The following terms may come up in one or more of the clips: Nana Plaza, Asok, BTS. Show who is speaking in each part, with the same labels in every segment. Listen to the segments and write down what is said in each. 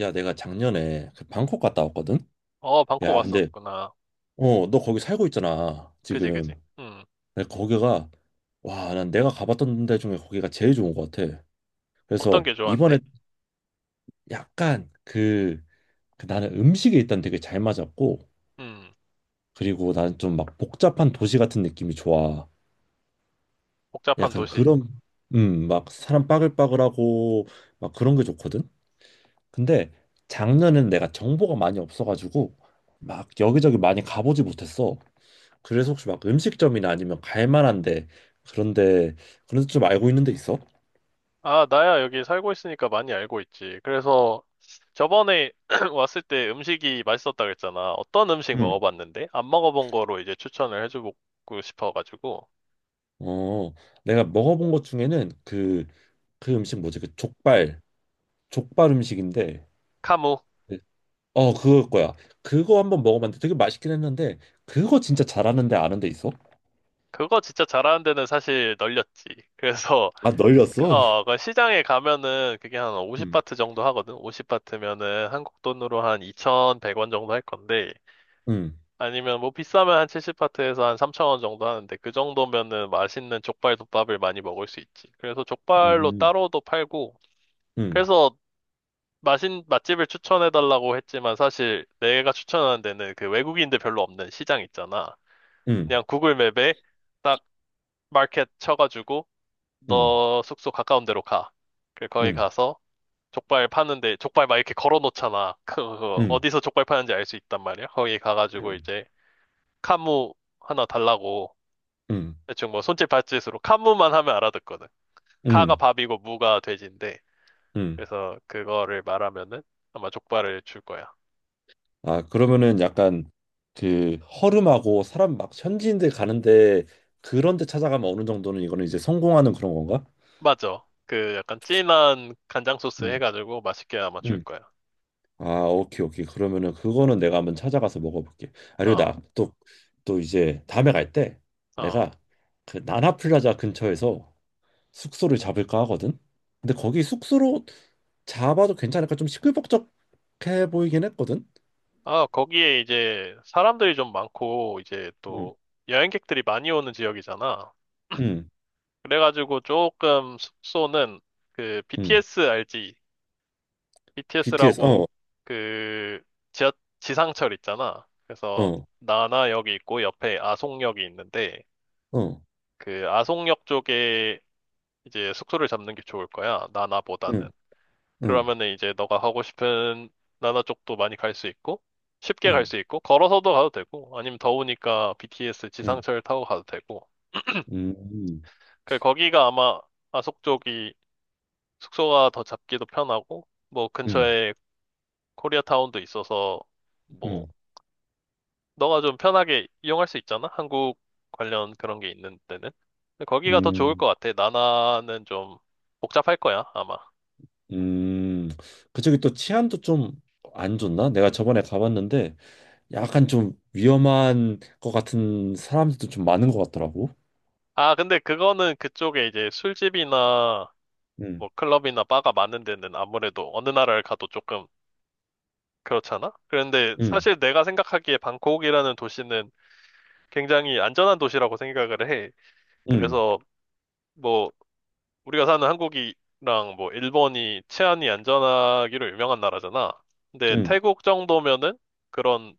Speaker 1: 야, 내가 작년에 그 방콕 갔다 왔거든?
Speaker 2: 어, 방콕
Speaker 1: 야, 근데,
Speaker 2: 왔었구나.
Speaker 1: 너 거기 살고 있잖아,
Speaker 2: 그지, 그지.
Speaker 1: 지금.
Speaker 2: 음.
Speaker 1: 근데 거기가, 와, 난 내가 가봤던 데 중에 거기가 제일 좋은 것 같아.
Speaker 2: 어떤
Speaker 1: 그래서
Speaker 2: 게 좋아한데?
Speaker 1: 이번에 약간 그, 그 나는 식이 일단 되게 잘 맞았고,
Speaker 2: 음.
Speaker 1: 그리고 나는 좀 막 복잡한 도시 같은 느낌이 좋아.
Speaker 2: 복잡한
Speaker 1: 약간
Speaker 2: 도시.
Speaker 1: 그런, 막 사람 빠글빠글하고, 막 그런 게 좋거든? 근데 작년엔 내가 정보가 많이 없어가지고, 막 여기저기 많이 가보지 못했어. 그래서 혹시 막 음식점이나 아니면 갈 만한데 그런데 그런 데좀 알고 있는 데 있어?
Speaker 2: 아, 나야 여기 살고 있으니까 많이 알고 있지. 그래서 저번에 왔을 때 음식이 맛있었다 그랬잖아. 어떤 음식
Speaker 1: 응.
Speaker 2: 먹어봤는데? 안 먹어본 거로 이제 추천을 해주고 싶어가지고.
Speaker 1: 어, 내가 먹어본 것 중에는 그 음식 뭐지? 그 족발 족발 음식인데
Speaker 2: 카무.
Speaker 1: 네. 어 그거 거야. 그거 한번 먹어봤는데 되게 맛있긴 했는데 그거 진짜 잘하는데 아는 데 있어?
Speaker 2: 그거 진짜 잘하는 데는 사실 널렸지. 그래서,
Speaker 1: 아, 널렸어?
Speaker 2: 어, 그 시장에 가면은 그게 한
Speaker 1: 응.
Speaker 2: 50바트 정도 하거든? 50바트면은 한국 돈으로 한 2,100원 정도 할 건데.
Speaker 1: 응.
Speaker 2: 아니면 뭐 비싸면 한 70파트에서 한 3,000원 정도 하는데 그 정도면은 맛있는 족발 덮밥을 많이 먹을 수 있지. 그래서 족발로
Speaker 1: 응.
Speaker 2: 따로도 팔고
Speaker 1: 응.
Speaker 2: 그래서 맛인 맛집을 추천해 달라고 했지만 사실 내가 추천하는 데는 그 외국인들 별로 없는 시장 있잖아.
Speaker 1: 응.
Speaker 2: 그냥 구글 맵에 딱 마켓 쳐가지고
Speaker 1: 응.
Speaker 2: 너 숙소 가까운 데로 가. 그 거기
Speaker 1: 응.
Speaker 2: 가서 족발 파는데 족발 막 이렇게 걸어 놓잖아. 그
Speaker 1: 응.
Speaker 2: 어디서 족발 파는지 알 수 있단 말이야. 거기 가가지고 이제 카무 하나 달라고
Speaker 1: 응.
Speaker 2: 대충 뭐 손짓 발짓으로 카무만 하면 알아듣거든. 카가
Speaker 1: 응.
Speaker 2: 밥이고 무가 돼지인데
Speaker 1: 응.
Speaker 2: 그래서 그거를 말하면은 아마 족발을 줄 거야.
Speaker 1: 아, 그러면은 약간 그 허름하고 사람 막 현지인들 가는데 그런 데 찾아가면 어느 정도는 이거는 이제 성공하는 그런 건가?
Speaker 2: 맞아. 그 약간 진한 간장 소스
Speaker 1: 응,
Speaker 2: 해가지고 맛있게 아마 줄
Speaker 1: 응.
Speaker 2: 거야.
Speaker 1: 아, 오케이, 오케이. 그러면은 그거는 내가 한번 찾아가서 먹어볼게. 아, 그리고
Speaker 2: 어,
Speaker 1: 나 또, 또 이제 다음에 갈 때
Speaker 2: 어.
Speaker 1: 내가 그 나나플라자 근처에서 숙소를 잡을까 하거든? 근데 거기 숙소로 잡아도 괜찮을까? 좀 시끌벅적해 보이긴 했거든?
Speaker 2: 아, 거기에 이제 사람들이 좀 많고 이제
Speaker 1: 응,
Speaker 2: 또 여행객들이 많이 오는 지역이잖아.
Speaker 1: 응,
Speaker 2: 그래가지고 조금 숙소는 그
Speaker 1: 응.
Speaker 2: BTS 알지?
Speaker 1: BTS, 어,
Speaker 2: BTS라고 그 지하, 지상철 있잖아. 그래서
Speaker 1: 어,
Speaker 2: 나나역이 있고 옆에 아송역이 있는데
Speaker 1: 어.
Speaker 2: 그 아송역 쪽에 이제 숙소를 잡는 게 좋을 거야. 나나보다는.
Speaker 1: 응. 응.
Speaker 2: 그러면은 이제 너가 가고 싶은 나나 쪽도 많이 갈 수 있고 쉽게 갈 수
Speaker 1: 응
Speaker 2: 있고 걸어서도 가도 되고 아니면 더우니까 BTS
Speaker 1: 응
Speaker 2: 지상철 타고 가도 되고.
Speaker 1: 음,
Speaker 2: 그 거기가 아마 아속 쪽이 숙소가 더 잡기도 편하고 뭐
Speaker 1: 음,
Speaker 2: 근처에 코리아타운도 있어서 뭐
Speaker 1: 음,
Speaker 2: 너가 좀 편하게 이용할 수 있잖아? 한국 관련 그런 게 있는 데는. 근데 거기가 더 좋을
Speaker 1: 음,
Speaker 2: 것 같아. 나나는 좀 복잡할 거야, 아마.
Speaker 1: 음. 그쪽이 또 치안도 좀 안 좋나? 내가 저번에 가봤는데 약간 좀 위험한 것 같은 사람들도 좀 많은 것 같더라고.
Speaker 2: 아, 근데 그거는 그쪽에 이제 술집이나
Speaker 1: 응
Speaker 2: 뭐 클럽이나 바가 많은 데는 아무래도 어느 나라를 가도 조금 그렇잖아? 그런데
Speaker 1: 응
Speaker 2: 사실 내가 생각하기에 방콕이라는 도시는 굉장히 안전한 도시라고 생각을 해.
Speaker 1: 응
Speaker 2: 그래서 뭐 우리가 사는 한국이랑 뭐 일본이 치안이 안전하기로 유명한 나라잖아. 근데
Speaker 1: 응
Speaker 2: 태국 정도면은 그런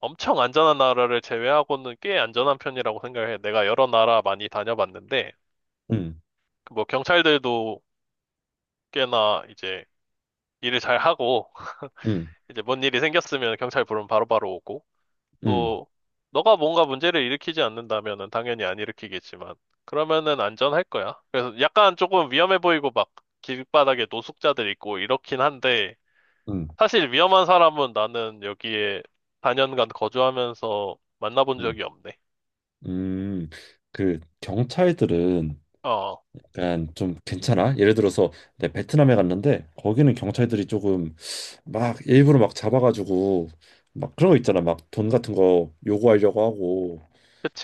Speaker 2: 엄청 안전한 나라를 제외하고는 꽤 안전한 편이라고 생각해. 내가 여러 나라 많이 다녀봤는데
Speaker 1: 응
Speaker 2: 그뭐 경찰들도 꽤나 이제 일을 잘 하고
Speaker 1: 응
Speaker 2: 이제 뭔 일이 생겼으면 경찰 부르면 바로바로 오고
Speaker 1: 응
Speaker 2: 또 너가 뭔가 문제를 일으키지 않는다면은 당연히 안 일으키겠지만 그러면은 안전할 거야. 그래서 약간 조금 위험해 보이고 막 길바닥에 노숙자들 있고 이렇긴 한데
Speaker 1: 응
Speaker 2: 사실 위험한 사람은 나는 여기에 4년간 거주하면서 만나본
Speaker 1: 응
Speaker 2: 적이 없네.
Speaker 1: 음. 그 경찰들은
Speaker 2: 어,
Speaker 1: 약간 좀 괜찮아? 예를 들어서 내 베트남에 갔는데 거기는 경찰들이 조금 막 일부러 막 잡아가지고 막 그런 거 있잖아. 막 돈 같은 거 요구하려고 하고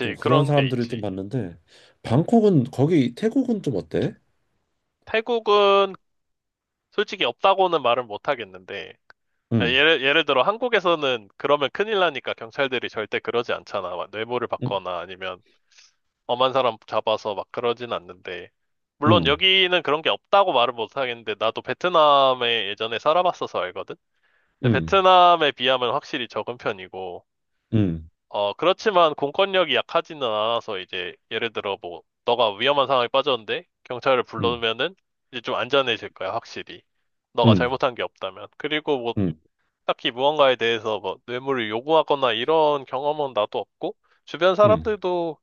Speaker 1: 좀 그런
Speaker 2: 그런 게
Speaker 1: 사람들을 좀
Speaker 2: 있지.
Speaker 1: 봤는데 방콕은 거기 태국은 좀 어때?
Speaker 2: 태국은 솔직히 없다고는 말은 못 하겠는데 아,
Speaker 1: 응,
Speaker 2: 예를 들어 한국에서는 그러면 큰일 나니까 경찰들이 절대 그러지 않잖아. 막 뇌물을
Speaker 1: 응,
Speaker 2: 받거나 아니면 엄한 사람 잡아서 막 그러진 않는데. 물론
Speaker 1: 응,
Speaker 2: 여기는 그런 게 없다고 말을 못 하겠는데, 나도 베트남에 예전에 살아봤어서 알거든? 근데
Speaker 1: 응,
Speaker 2: 베트남에 비하면 확실히 적은 편이고,
Speaker 1: 응,
Speaker 2: 어, 그렇지만 공권력이 약하지는 않아서 이제, 예를 들어 뭐, 너가 위험한 상황에 빠졌는데, 경찰을
Speaker 1: 응,
Speaker 2: 불러면은 이제 좀 안전해질 거야, 확실히. 너가
Speaker 1: 응,
Speaker 2: 잘못한 게 없다면. 그리고 뭐,
Speaker 1: 응,
Speaker 2: 딱히 무언가에 대해서 뭐, 뇌물을 요구하거나 이런 경험은 나도 없고, 주변
Speaker 1: 응,
Speaker 2: 사람들도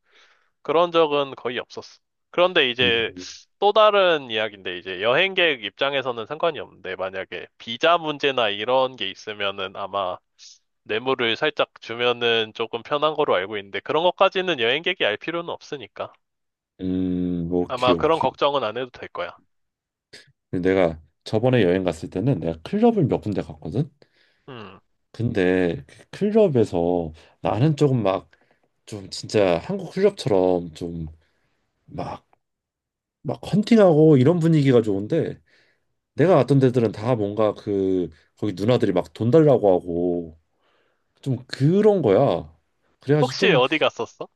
Speaker 2: 그런 적은 거의 없었어. 그런데
Speaker 1: 응,
Speaker 2: 이제 또 다른 이야기인데 이제 여행객 입장에서는 상관이 없는데 만약에 비자 문제나 이런 게 있으면은 아마 뇌물을 살짝 주면은 조금 편한 거로 알고 있는데 그런 것까지는 여행객이 알 필요는 없으니까 아마
Speaker 1: 오케이,
Speaker 2: 그런
Speaker 1: 오케이.
Speaker 2: 걱정은 안 해도 될 거야.
Speaker 1: 내가 저번에 여행 갔을 때는 내가 클럽을 몇 군데 갔거든.
Speaker 2: 음.
Speaker 1: 근데 그 클럽에서 나는 조금 막 좀 진짜 한국 클럽처럼 좀 막 막 헌팅하고 이런 분위기가 좋은데 내가 갔던 데들은 다 뭔가 그 거기 누나들이 막 돈 달라고 하고 좀 그런 거야. 그래가지고
Speaker 2: 혹시
Speaker 1: 좀
Speaker 2: 어디 갔었어?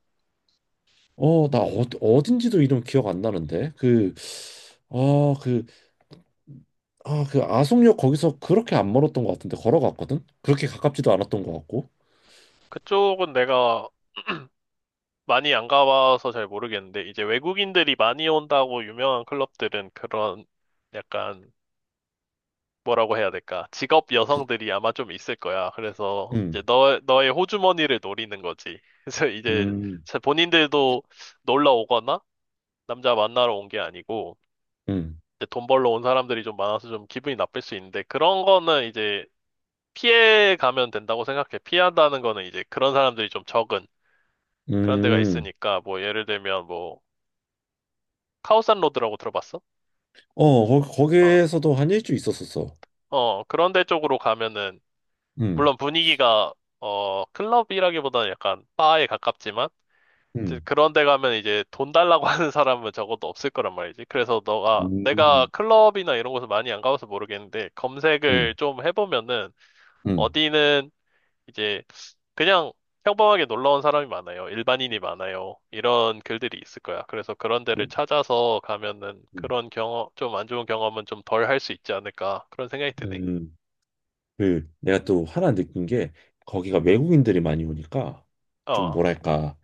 Speaker 1: 어딘지도 이름 기억 안 나는데 아 그 그 아속역 거기서 그렇게 안 멀었던 것 같은데 걸어갔거든. 그렇게 가깝지도 않았던 것 같고.
Speaker 2: 그쪽은 내가 많이 안 가봐서 잘 모르겠는데 이제 외국인들이 많이 온다고 유명한 클럽들은 그런 약간 뭐라고 해야 될까? 직업
Speaker 1: 그,
Speaker 2: 여성들이 아마 좀 있을 거야. 그래서 이제
Speaker 1: 음,
Speaker 2: 너, 너의 호주머니를 노리는 거지. 그래서 이제
Speaker 1: 음,
Speaker 2: 본인들도 놀러 오거나 남자 만나러 온 게 아니고
Speaker 1: 음,
Speaker 2: 이제 돈 벌러 온 사람들이 좀 많아서 좀 기분이 나쁠 수 있는데 그런 거는 이제 피해 가면 된다고 생각해. 피한다는 거는 이제 그런 사람들이 좀 적은 그런 데가
Speaker 1: 음.
Speaker 2: 있으니까 뭐 예를 들면 뭐 카오산 로드라고 들어봤어?
Speaker 1: 어 거,
Speaker 2: 어,
Speaker 1: 거기에서도 한 1주일 있었었어.
Speaker 2: 어, 그런 데 쪽으로 가면은
Speaker 1: 음,
Speaker 2: 물론 분위기가 어 클럽이라기보다는 약간 바에 가깝지만 이제
Speaker 1: 음,
Speaker 2: 그런 데 가면 이제 돈 달라고 하는 사람은 적어도 없을 거란 말이지. 그래서 너가 내가
Speaker 1: 음,
Speaker 2: 클럽이나 이런 곳을 많이 안 가봐서 모르겠는데 검색을
Speaker 1: 음,
Speaker 2: 좀 해보면은
Speaker 1: 음,
Speaker 2: 어디는 이제 그냥 평범하게 놀러 온 사람이 많아요. 일반인이 많아요. 이런 글들이 있을 거야. 그래서 그런 데를
Speaker 1: 음,
Speaker 2: 찾아서 가면은
Speaker 1: 음,
Speaker 2: 그런 경험, 좀 안 좋은 경험은 좀 덜 할 수 있지 않을까. 그런 생각이 드네.
Speaker 1: 음. 그 내가 또 하나 느낀 게 거기가 외국인들이 많이 오니까 좀
Speaker 2: 어,
Speaker 1: 뭐랄까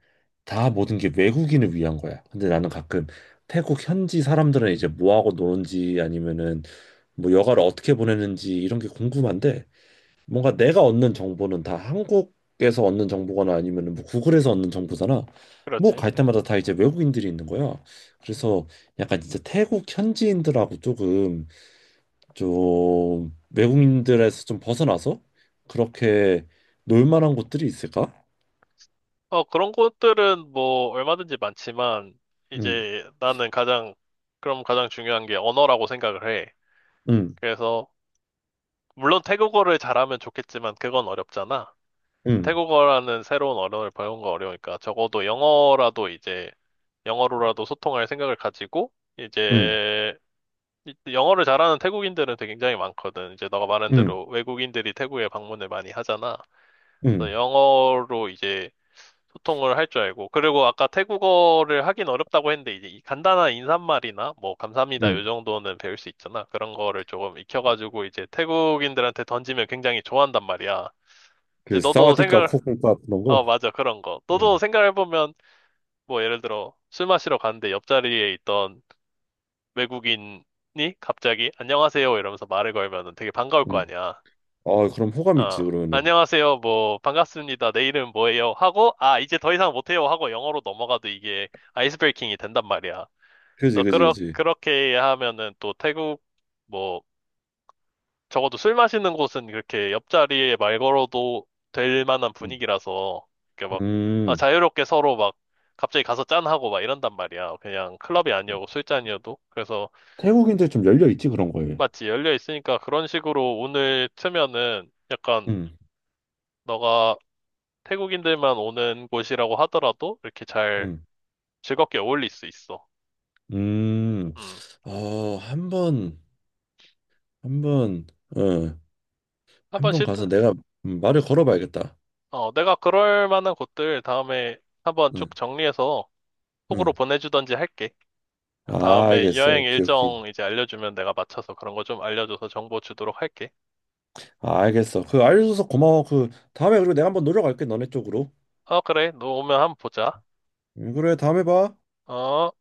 Speaker 1: 다 모든 게 외국인을 위한 거야. 근데 나는 가끔 태국 현지 사람들은 이제 뭐하고 노는지 아니면은 뭐 여가를 어떻게 보내는지 이런 게 궁금한데 뭔가 내가 얻는 정보는 다 한국에서 얻는 정보거나 아니면은 뭐 구글에서 얻는 정보잖아. 뭐
Speaker 2: 그렇지.
Speaker 1: 갈 때마다 다 이제 외국인들이 있는 거야. 그래서 약간 진짜 태국 현지인들하고 조금 좀 외국인들에서 좀 벗어나서 그렇게 놀 만한 곳들이 있을까?
Speaker 2: 어, 그런 것들은 뭐 얼마든지 많지만
Speaker 1: 응,
Speaker 2: 이제 나는 가장 그럼 가장 중요한 게 언어라고 생각을 해.
Speaker 1: 응,
Speaker 2: 그래서 물론 태국어를 잘하면 좋겠지만 그건 어렵잖아.
Speaker 1: 응,
Speaker 2: 태국어라는 새로운 언어를 배우는 거 어려우니까 적어도 영어라도 이제 영어로라도 소통할 생각을 가지고
Speaker 1: 응,
Speaker 2: 이제 영어를 잘하는 태국인들은 되게 굉장히 많거든. 이제 너가 말한
Speaker 1: 응,
Speaker 2: 대로 외국인들이 태국에 방문을 많이 하잖아.
Speaker 1: 응,
Speaker 2: 그래서 영어로 이제 소통을 할 줄 알고. 그리고 아까 태국어를 하긴 어렵다고 했는데, 이제 이 간단한 인사말이나, 뭐, 감사합니다,
Speaker 1: 응.
Speaker 2: 요 정도는 배울 수 있잖아. 그런 거를 조금 익혀가지고, 이제 태국인들한테 던지면 굉장히 좋아한단 말이야. 이제
Speaker 1: 그
Speaker 2: 너도
Speaker 1: 사와디카
Speaker 2: 생각을,
Speaker 1: 코코카 그런 거.
Speaker 2: 어, 맞아, 그런 거.
Speaker 1: 응,
Speaker 2: 너도 생각해보면, 뭐, 예를 들어, 술 마시러 갔는데 옆자리에 있던 외국인이 갑자기, 안녕하세요, 이러면서 말을 걸면은 되게 반가울 거
Speaker 1: 응.
Speaker 2: 아니야.
Speaker 1: 아 그럼 호감
Speaker 2: 어,
Speaker 1: 있지 그러면은.
Speaker 2: 안녕하세요. 뭐, 반갑습니다. 내 이름 뭐예요? 하고, 아, 이제 더 이상 못해요. 하고 영어로 넘어가도 이게 아이스 브레이킹이 된단 말이야.
Speaker 1: 그지
Speaker 2: 그래서,
Speaker 1: 그지 그지.
Speaker 2: 그렇게 하면은 또 태국, 뭐, 적어도 술 마시는 곳은 그렇게 옆자리에 말 걸어도 될 만한
Speaker 1: 응.
Speaker 2: 분위기라서, 이렇게 막, 아,
Speaker 1: 음.
Speaker 2: 자유롭게 서로 막, 갑자기 가서 짠하고 막 이런단 말이야. 그냥 클럽이 아니어도 술잔이어도. 그래서,
Speaker 1: 태국인들 좀 열려 있지 그런 거에.
Speaker 2: 마치 열려 있으니까 그런 식으로 오늘 트면은 약간,
Speaker 1: 응,
Speaker 2: 너가 태국인들만 오는 곳이라고 하더라도 이렇게 잘
Speaker 1: 응,
Speaker 2: 즐겁게 어울릴 수 있어.
Speaker 1: 음.
Speaker 2: 음,
Speaker 1: 어, 한번 한번 어,
Speaker 2: 한번
Speaker 1: 한번
Speaker 2: 시도,
Speaker 1: 가서 내가 말을 걸어봐야겠다.
Speaker 2: 어, 내가 그럴 만한 곳들 다음에 한번 쭉
Speaker 1: 응,
Speaker 2: 정리해서 톡으로
Speaker 1: 응.
Speaker 2: 보내주던지 할게. 그럼
Speaker 1: 아,
Speaker 2: 다음에
Speaker 1: 알겠어.
Speaker 2: 여행
Speaker 1: 오케이, 오케이.
Speaker 2: 일정 이제 알려주면 내가 맞춰서 그런 거 좀 알려줘서 정보 주도록 할게.
Speaker 1: 아, 알겠어. 그 알려줘서 고마워. 그 다음에 그리고 내가 한번 노력할게 너네 쪽으로.
Speaker 2: 어, 그래. 너 오면 한번 보자.
Speaker 1: 그래 다음에 봐.
Speaker 2: 어.